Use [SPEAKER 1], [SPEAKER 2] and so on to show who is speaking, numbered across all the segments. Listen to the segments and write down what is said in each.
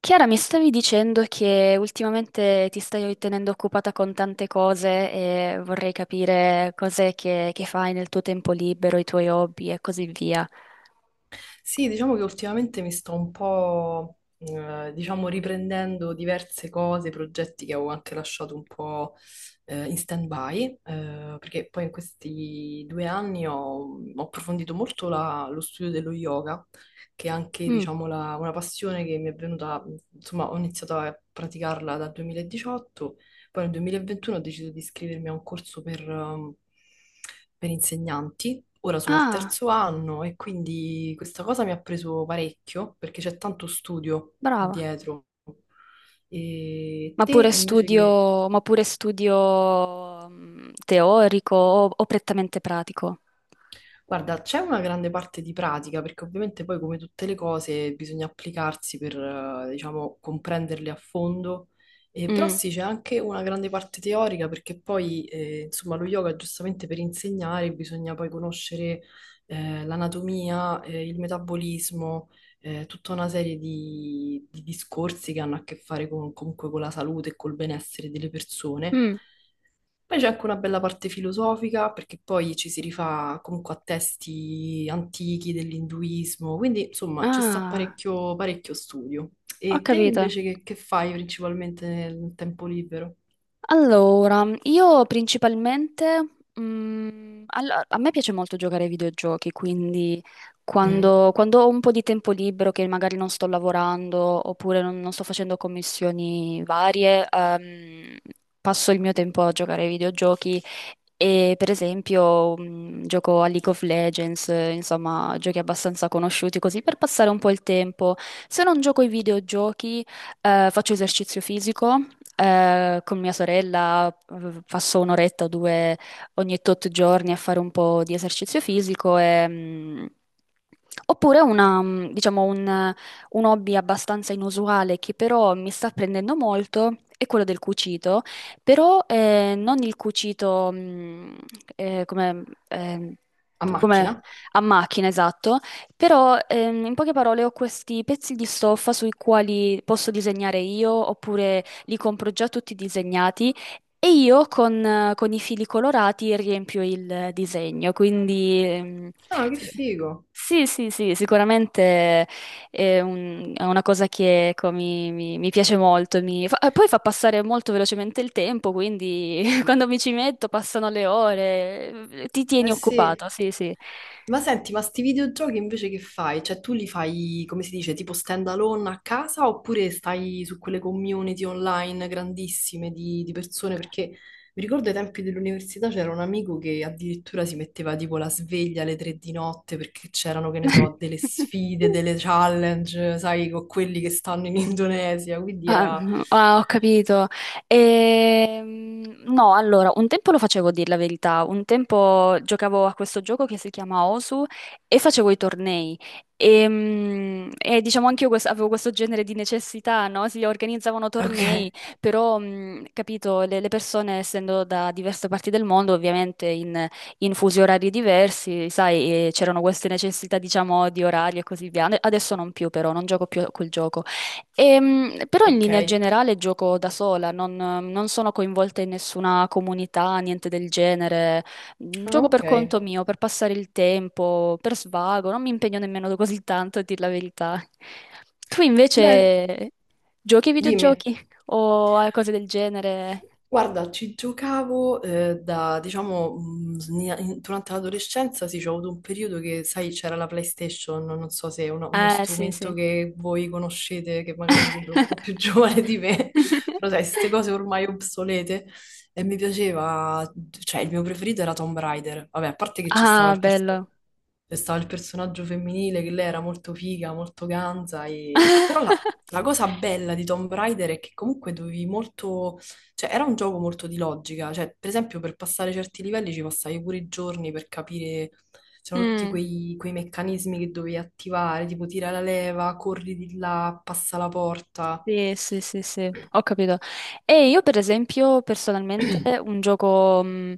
[SPEAKER 1] Chiara, mi stavi dicendo che ultimamente ti stai tenendo occupata con tante cose e vorrei capire cos'è che fai nel tuo tempo libero, i tuoi hobby e così via.
[SPEAKER 2] Sì, diciamo che ultimamente mi sto un po', diciamo, riprendendo diverse cose, progetti che avevo anche lasciato un po', in stand-by, perché poi in questi 2 anni ho approfondito molto lo studio dello yoga, che è anche,
[SPEAKER 1] Mm.
[SPEAKER 2] diciamo, una passione che mi è venuta, insomma, ho iniziato a praticarla dal 2018. Poi nel 2021 ho deciso di iscrivermi a un corso per insegnanti. Ora sono al
[SPEAKER 1] Ah,
[SPEAKER 2] terzo anno e quindi questa cosa mi ha preso parecchio perché c'è tanto studio
[SPEAKER 1] brava.
[SPEAKER 2] dietro. E te invece che.
[SPEAKER 1] Ma pure studio teorico o prettamente pratico?
[SPEAKER 2] Guarda, c'è una grande parte di pratica, perché ovviamente poi come tutte le cose bisogna applicarsi per, diciamo, comprenderle a fondo. Però
[SPEAKER 1] Mm.
[SPEAKER 2] sì, c'è anche una grande parte teorica, perché poi, insomma, lo yoga giustamente per insegnare bisogna poi conoscere, l'anatomia, il metabolismo, tutta una serie di discorsi che hanno a che fare comunque con la salute e col benessere delle persone.
[SPEAKER 1] Mm.
[SPEAKER 2] Poi c'è anche una bella parte filosofica, perché poi ci si rifà comunque a testi antichi dell'induismo, quindi insomma ci sta
[SPEAKER 1] Ah,
[SPEAKER 2] parecchio, parecchio studio.
[SPEAKER 1] ho
[SPEAKER 2] E te
[SPEAKER 1] capito.
[SPEAKER 2] invece che fai principalmente nel tempo libero?
[SPEAKER 1] Allora, io principalmente, a me piace molto giocare ai videogiochi, quindi
[SPEAKER 2] Mhm.
[SPEAKER 1] quando ho un po' di tempo libero, che magari non sto lavorando oppure non sto facendo commissioni varie, passo il mio tempo a giocare ai videogiochi e per esempio, gioco a League of Legends, insomma, giochi abbastanza conosciuti così per passare un po' il tempo. Se non gioco ai videogiochi, faccio esercizio fisico con mia sorella passo un'oretta o due ogni tot giorni a fare un po' di esercizio fisico e, mm, oppure una, diciamo un hobby abbastanza inusuale che però mi sta prendendo molto è quello del cucito, però non il cucito eh, come, eh,
[SPEAKER 2] A
[SPEAKER 1] come
[SPEAKER 2] macchina?
[SPEAKER 1] a macchina, esatto, però in poche parole ho questi pezzi di stoffa sui quali posso disegnare io oppure li compro già tutti disegnati e io con i fili colorati riempio il disegno. Quindi
[SPEAKER 2] Ah, che figo!
[SPEAKER 1] sì, sì, sì, sicuramente è, è una cosa che ecco, mi piace molto. Poi fa passare molto velocemente il tempo, quindi quando mi ci metto passano le ore, ti tieni
[SPEAKER 2] Eh sì.
[SPEAKER 1] occupato, sì, sì.
[SPEAKER 2] Ma senti, ma sti videogiochi invece che fai? Cioè tu li fai, come si dice, tipo stand alone a casa oppure stai su quelle community online grandissime di persone? Perché mi ricordo ai tempi dell'università c'era un amico che addirittura si metteva tipo la sveglia alle 3 di notte perché c'erano, che ne so, delle sfide, delle challenge, sai, con quelli che stanno in Indonesia, quindi
[SPEAKER 1] Ah,
[SPEAKER 2] era.
[SPEAKER 1] no, ah, ho capito. No, allora, un tempo lo facevo, a dir la verità. Un tempo giocavo a questo gioco che si chiama Osu e facevo i tornei. E, diciamo anche io avevo questo genere di necessità, no? Si organizzavano
[SPEAKER 2] Ok,
[SPEAKER 1] tornei, però, capito, le persone, essendo da diverse parti del mondo, ovviamente in fusi orari diversi, sai, c'erano queste necessità, diciamo, di orario e così via. Adesso non più, però, non gioco più a quel gioco. Però in
[SPEAKER 2] ok,
[SPEAKER 1] linea generale gioco da sola, non sono coinvolta in nessuna comunità, niente del genere. Mm,
[SPEAKER 2] ah,
[SPEAKER 1] gioco
[SPEAKER 2] ok.
[SPEAKER 1] per conto mio, per passare il tempo, per svago, non mi impegno nemmeno così tanto, a dir la verità. Tu
[SPEAKER 2] Beh,
[SPEAKER 1] invece giochi ai
[SPEAKER 2] dimmi.
[SPEAKER 1] videogiochi o a cose del genere?
[SPEAKER 2] Guarda, ci giocavo da, diciamo, durante l'adolescenza sì, c'è avuto un periodo che, sai, c'era la PlayStation, non so se è uno
[SPEAKER 1] Sì,
[SPEAKER 2] strumento
[SPEAKER 1] sì.
[SPEAKER 2] che voi conoscete, che magari mi sembra un po' più giovane di me, però sai, queste cose ormai obsolete, e mi piaceva, cioè il mio preferito era Tomb Raider, vabbè, a parte che
[SPEAKER 1] Ah, bello.
[SPEAKER 2] c'è stava il personaggio femminile, che lei era molto figa, molto ganza, e però la, la cosa bella di Tomb Raider è che comunque dovevi molto, cioè, era un gioco molto di logica, cioè, per esempio, per passare certi livelli ci passavi pure i giorni per capire, c'erano tutti
[SPEAKER 1] Mm.
[SPEAKER 2] quei meccanismi che dovevi attivare, tipo tira la leva, corri di là, passa la porta.
[SPEAKER 1] Sì, sì, sì, sì, ho capito. E io per esempio personalmente un gioco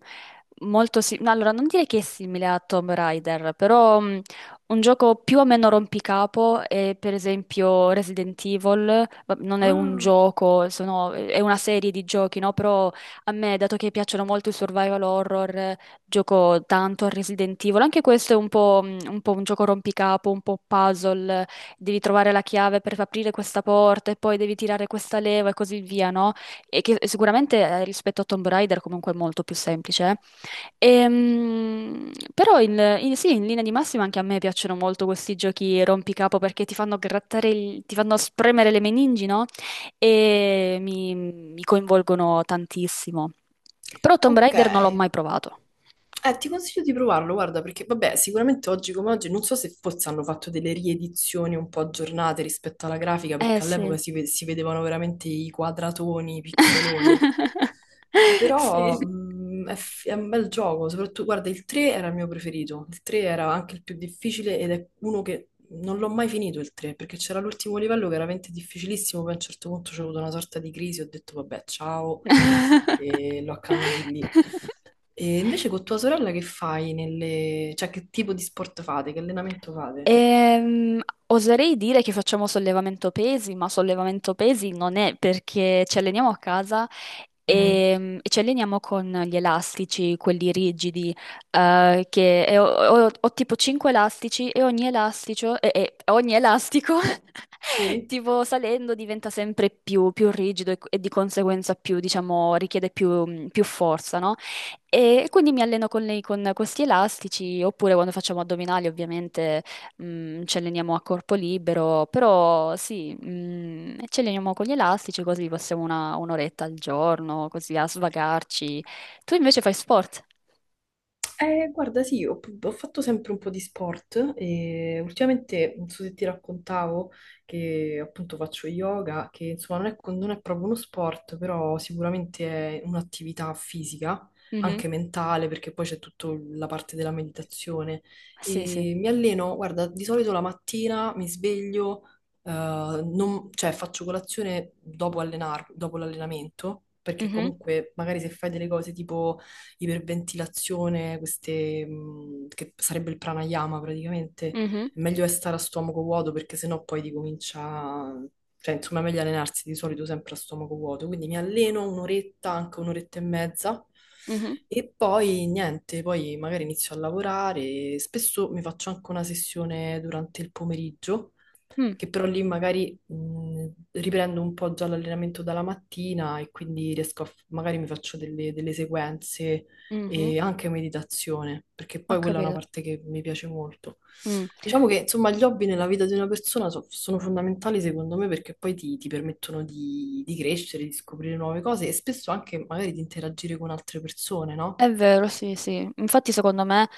[SPEAKER 1] molto simile, allora non direi che è simile a Tomb Raider, però un gioco più o meno rompicapo è per esempio Resident Evil. Non è un
[SPEAKER 2] Ah,
[SPEAKER 1] gioco, è una serie di giochi, no? Però a me, dato che piacciono molto i survival horror, gioco tanto a Resident Evil, anche questo è un po', un po' un gioco rompicapo, un po' puzzle, devi trovare la chiave per aprire questa porta e poi devi tirare questa leva e così via, no? E che sicuramente rispetto a Tomb Raider comunque è molto più semplice. Eh. Sì, in linea di massima anche a me piacciono molto questi giochi rompicapo perché ti fanno grattare, ti fanno spremere le meningi, no? E mi coinvolgono tantissimo. Però Tomb
[SPEAKER 2] ok.
[SPEAKER 1] Raider non l'ho mai provato.
[SPEAKER 2] Ti consiglio di provarlo, guarda, perché vabbè, sicuramente oggi come oggi, non so se forse hanno fatto delle riedizioni un po' aggiornate rispetto alla grafica,
[SPEAKER 1] Eh
[SPEAKER 2] perché
[SPEAKER 1] sì.
[SPEAKER 2] all'epoca si vedevano veramente i quadratoni, i pixeloni.
[SPEAKER 1] Sì.
[SPEAKER 2] Però è, è un bel gioco, soprattutto, guarda, il 3 era il mio preferito, il 3 era anche il più difficile ed è uno che non l'ho mai finito il 3, perché c'era l'ultimo livello che era veramente difficilissimo, poi a un certo punto c'è avuto una sorta di crisi, ho detto vabbè, ciao,
[SPEAKER 1] Sì.
[SPEAKER 2] e l'ho accannati lì. E invece con tua sorella che fai nelle. Cioè che tipo di sport fate, che allenamento fate?
[SPEAKER 1] Ehm, Oserei dire che facciamo sollevamento pesi, ma sollevamento pesi non è perché ci alleniamo a casa
[SPEAKER 2] Mhm.
[SPEAKER 1] e ci alleniamo con gli elastici, quelli rigidi, che e ho, ho tipo 5 elastici e ogni elastico, e ogni elastico
[SPEAKER 2] Sì?
[SPEAKER 1] tipo salendo diventa sempre più, più rigido e di conseguenza più, diciamo, richiede più, più forza, no? E quindi mi alleno con lei con questi elastici, oppure quando facciamo addominali, ovviamente ci alleniamo a corpo libero, però sì, ci alleniamo con gli elastici così passiamo una, un'oretta al giorno, così a svagarci. Tu invece fai sport?
[SPEAKER 2] Guarda, sì, ho fatto sempre un po' di sport e ultimamente, non so se ti raccontavo, che appunto faccio yoga, che insomma non è, non è proprio uno sport, però sicuramente è un'attività fisica,
[SPEAKER 1] Mhm.
[SPEAKER 2] anche mentale, perché poi c'è tutta la parte della meditazione.
[SPEAKER 1] Sì, sì.
[SPEAKER 2] E mi alleno, guarda, di solito la mattina mi sveglio, cioè faccio colazione dopo l'allenamento, perché
[SPEAKER 1] Mhm,
[SPEAKER 2] comunque magari se fai delle cose tipo iperventilazione, queste, che sarebbe il pranayama praticamente,
[SPEAKER 1] mhm,
[SPEAKER 2] è meglio è stare a stomaco vuoto perché sennò poi ti comincia, cioè insomma è meglio allenarsi di solito sempre a stomaco vuoto, quindi mi alleno un'oretta, anche un'oretta e mezza.
[SPEAKER 1] mhm,
[SPEAKER 2] E poi niente, poi magari inizio a lavorare, spesso mi faccio anche una sessione durante il pomeriggio,
[SPEAKER 1] mm,
[SPEAKER 2] che però lì magari riprendo un po' già l'allenamento dalla mattina e quindi riesco a, magari mi faccio delle, delle sequenze
[SPEAKER 1] mhm.
[SPEAKER 2] e anche meditazione, perché
[SPEAKER 1] Ho
[SPEAKER 2] poi quella è una
[SPEAKER 1] capito.
[SPEAKER 2] parte che mi piace molto.
[SPEAKER 1] Mm.
[SPEAKER 2] Diciamo che insomma gli hobby nella vita di una persona sono fondamentali secondo me perché poi ti permettono di crescere, di scoprire nuove cose e spesso anche magari di interagire con altre persone, no?
[SPEAKER 1] È vero, sì, sì. Infatti, secondo me,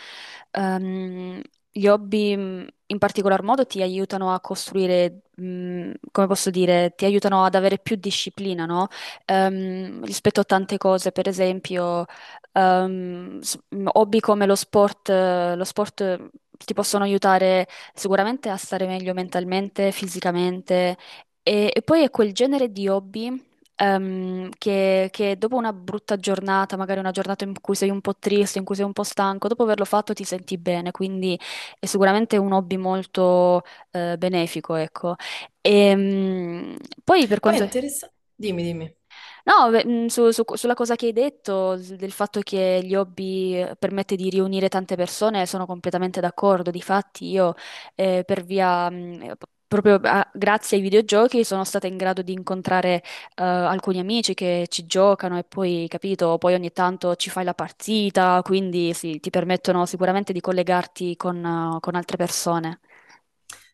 [SPEAKER 1] ehm, gli hobby in particolar modo ti aiutano a costruire, come posso dire, ti aiutano ad avere più disciplina, no? Rispetto a tante cose, per esempio, hobby come lo sport ti possono aiutare sicuramente a stare meglio mentalmente, fisicamente. E poi è quel genere di hobby che dopo una brutta giornata, magari una giornata in cui sei un po' triste, in cui sei un po' stanco, dopo averlo fatto ti senti bene, quindi è sicuramente un hobby molto benefico, ecco. E, poi per
[SPEAKER 2] Poi è
[SPEAKER 1] quanto...
[SPEAKER 2] interessante. Dimmi, dimmi.
[SPEAKER 1] No, beh, sulla cosa che hai detto, del fatto che gli hobby permette di riunire tante persone, sono completamente d'accordo. Difatti, io per via, proprio grazie ai videogiochi, sono stata in grado di incontrare alcuni amici che ci giocano e poi, capito, poi ogni tanto ci fai la partita, quindi sì, ti permettono sicuramente di collegarti con altre persone.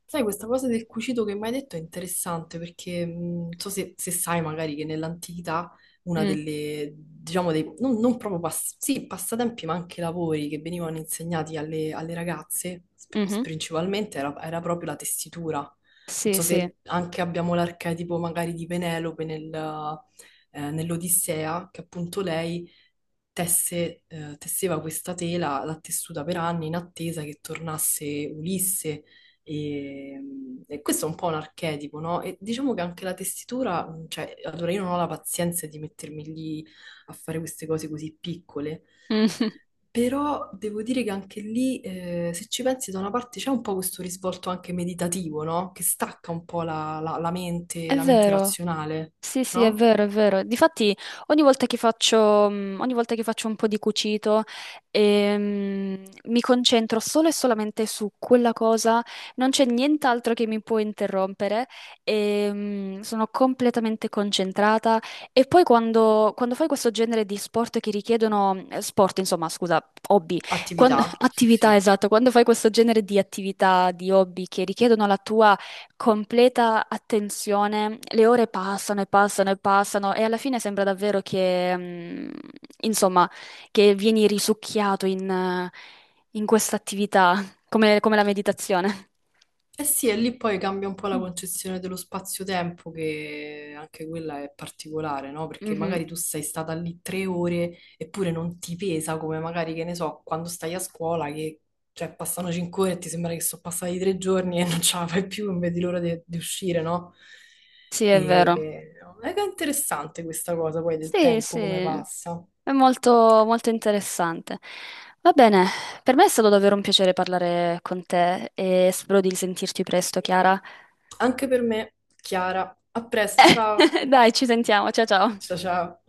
[SPEAKER 2] Sai, questa cosa del cucito che mi hai detto è interessante perché non so se, se sai magari che nell'antichità una
[SPEAKER 1] Mm,
[SPEAKER 2] delle, diciamo, dei, non proprio sì, passatempi, ma anche lavori che venivano insegnati alle, alle ragazze,
[SPEAKER 1] mhm.
[SPEAKER 2] principalmente, era, era proprio la tessitura. Non
[SPEAKER 1] Sì,
[SPEAKER 2] so
[SPEAKER 1] sì.
[SPEAKER 2] se anche abbiamo l'archetipo magari di Penelope nell'Odissea, che appunto lei tesse, tesseva questa tela, l'ha tessuta per anni in attesa che tornasse Ulisse e, e questo è un po' un archetipo, no? E diciamo che anche la tessitura, cioè, allora io non ho la pazienza di mettermi lì a fare queste cose così piccole,
[SPEAKER 1] Mhm.
[SPEAKER 2] però devo dire che anche lì, se ci pensi, da una parte c'è un po' questo risvolto anche meditativo, no? Che stacca un po' la mente,
[SPEAKER 1] È
[SPEAKER 2] la mente
[SPEAKER 1] vero.
[SPEAKER 2] razionale,
[SPEAKER 1] Sì, sì, è
[SPEAKER 2] no?
[SPEAKER 1] vero, è vero. Difatti, ogni volta che faccio, ogni volta che faccio un po' di cucito, mi concentro solo e solamente su quella cosa, non c'è nient'altro che mi può interrompere, sono completamente concentrata. E poi quando fai questo genere di sport che richiedono, sport, insomma, scusa, hobby,
[SPEAKER 2] Attività, sì,
[SPEAKER 1] attività,
[SPEAKER 2] sì.
[SPEAKER 1] esatto, quando fai questo genere di attività, di hobby che richiedono la tua completa attenzione, le ore passano e passano e passano e alla fine sembra davvero che, mm, insomma, che vieni risucchiato in, in questa attività, come la meditazione.
[SPEAKER 2] Eh sì, e lì poi cambia un po' la concezione dello spazio-tempo, che anche quella è particolare, no? Perché
[SPEAKER 1] Mhm.
[SPEAKER 2] magari tu sei stata lì 3 ore eppure non ti pesa come magari, che ne so, quando stai a scuola che, cioè, passano 5 ore e ti sembra che sono passati 3 giorni e non ce la fai più, non vedi l'ora di uscire, no?
[SPEAKER 1] Sì, è vero.
[SPEAKER 2] E è che è interessante questa cosa poi del
[SPEAKER 1] Sì, sì,
[SPEAKER 2] tempo, come passa.
[SPEAKER 1] è molto, molto interessante. Va bene, per me è stato davvero un piacere parlare con te e spero di risentirti presto, Chiara.
[SPEAKER 2] Anche per me, Chiara, a presto, ciao,
[SPEAKER 1] Dai, ci sentiamo, ciao ciao.
[SPEAKER 2] ciao ciao.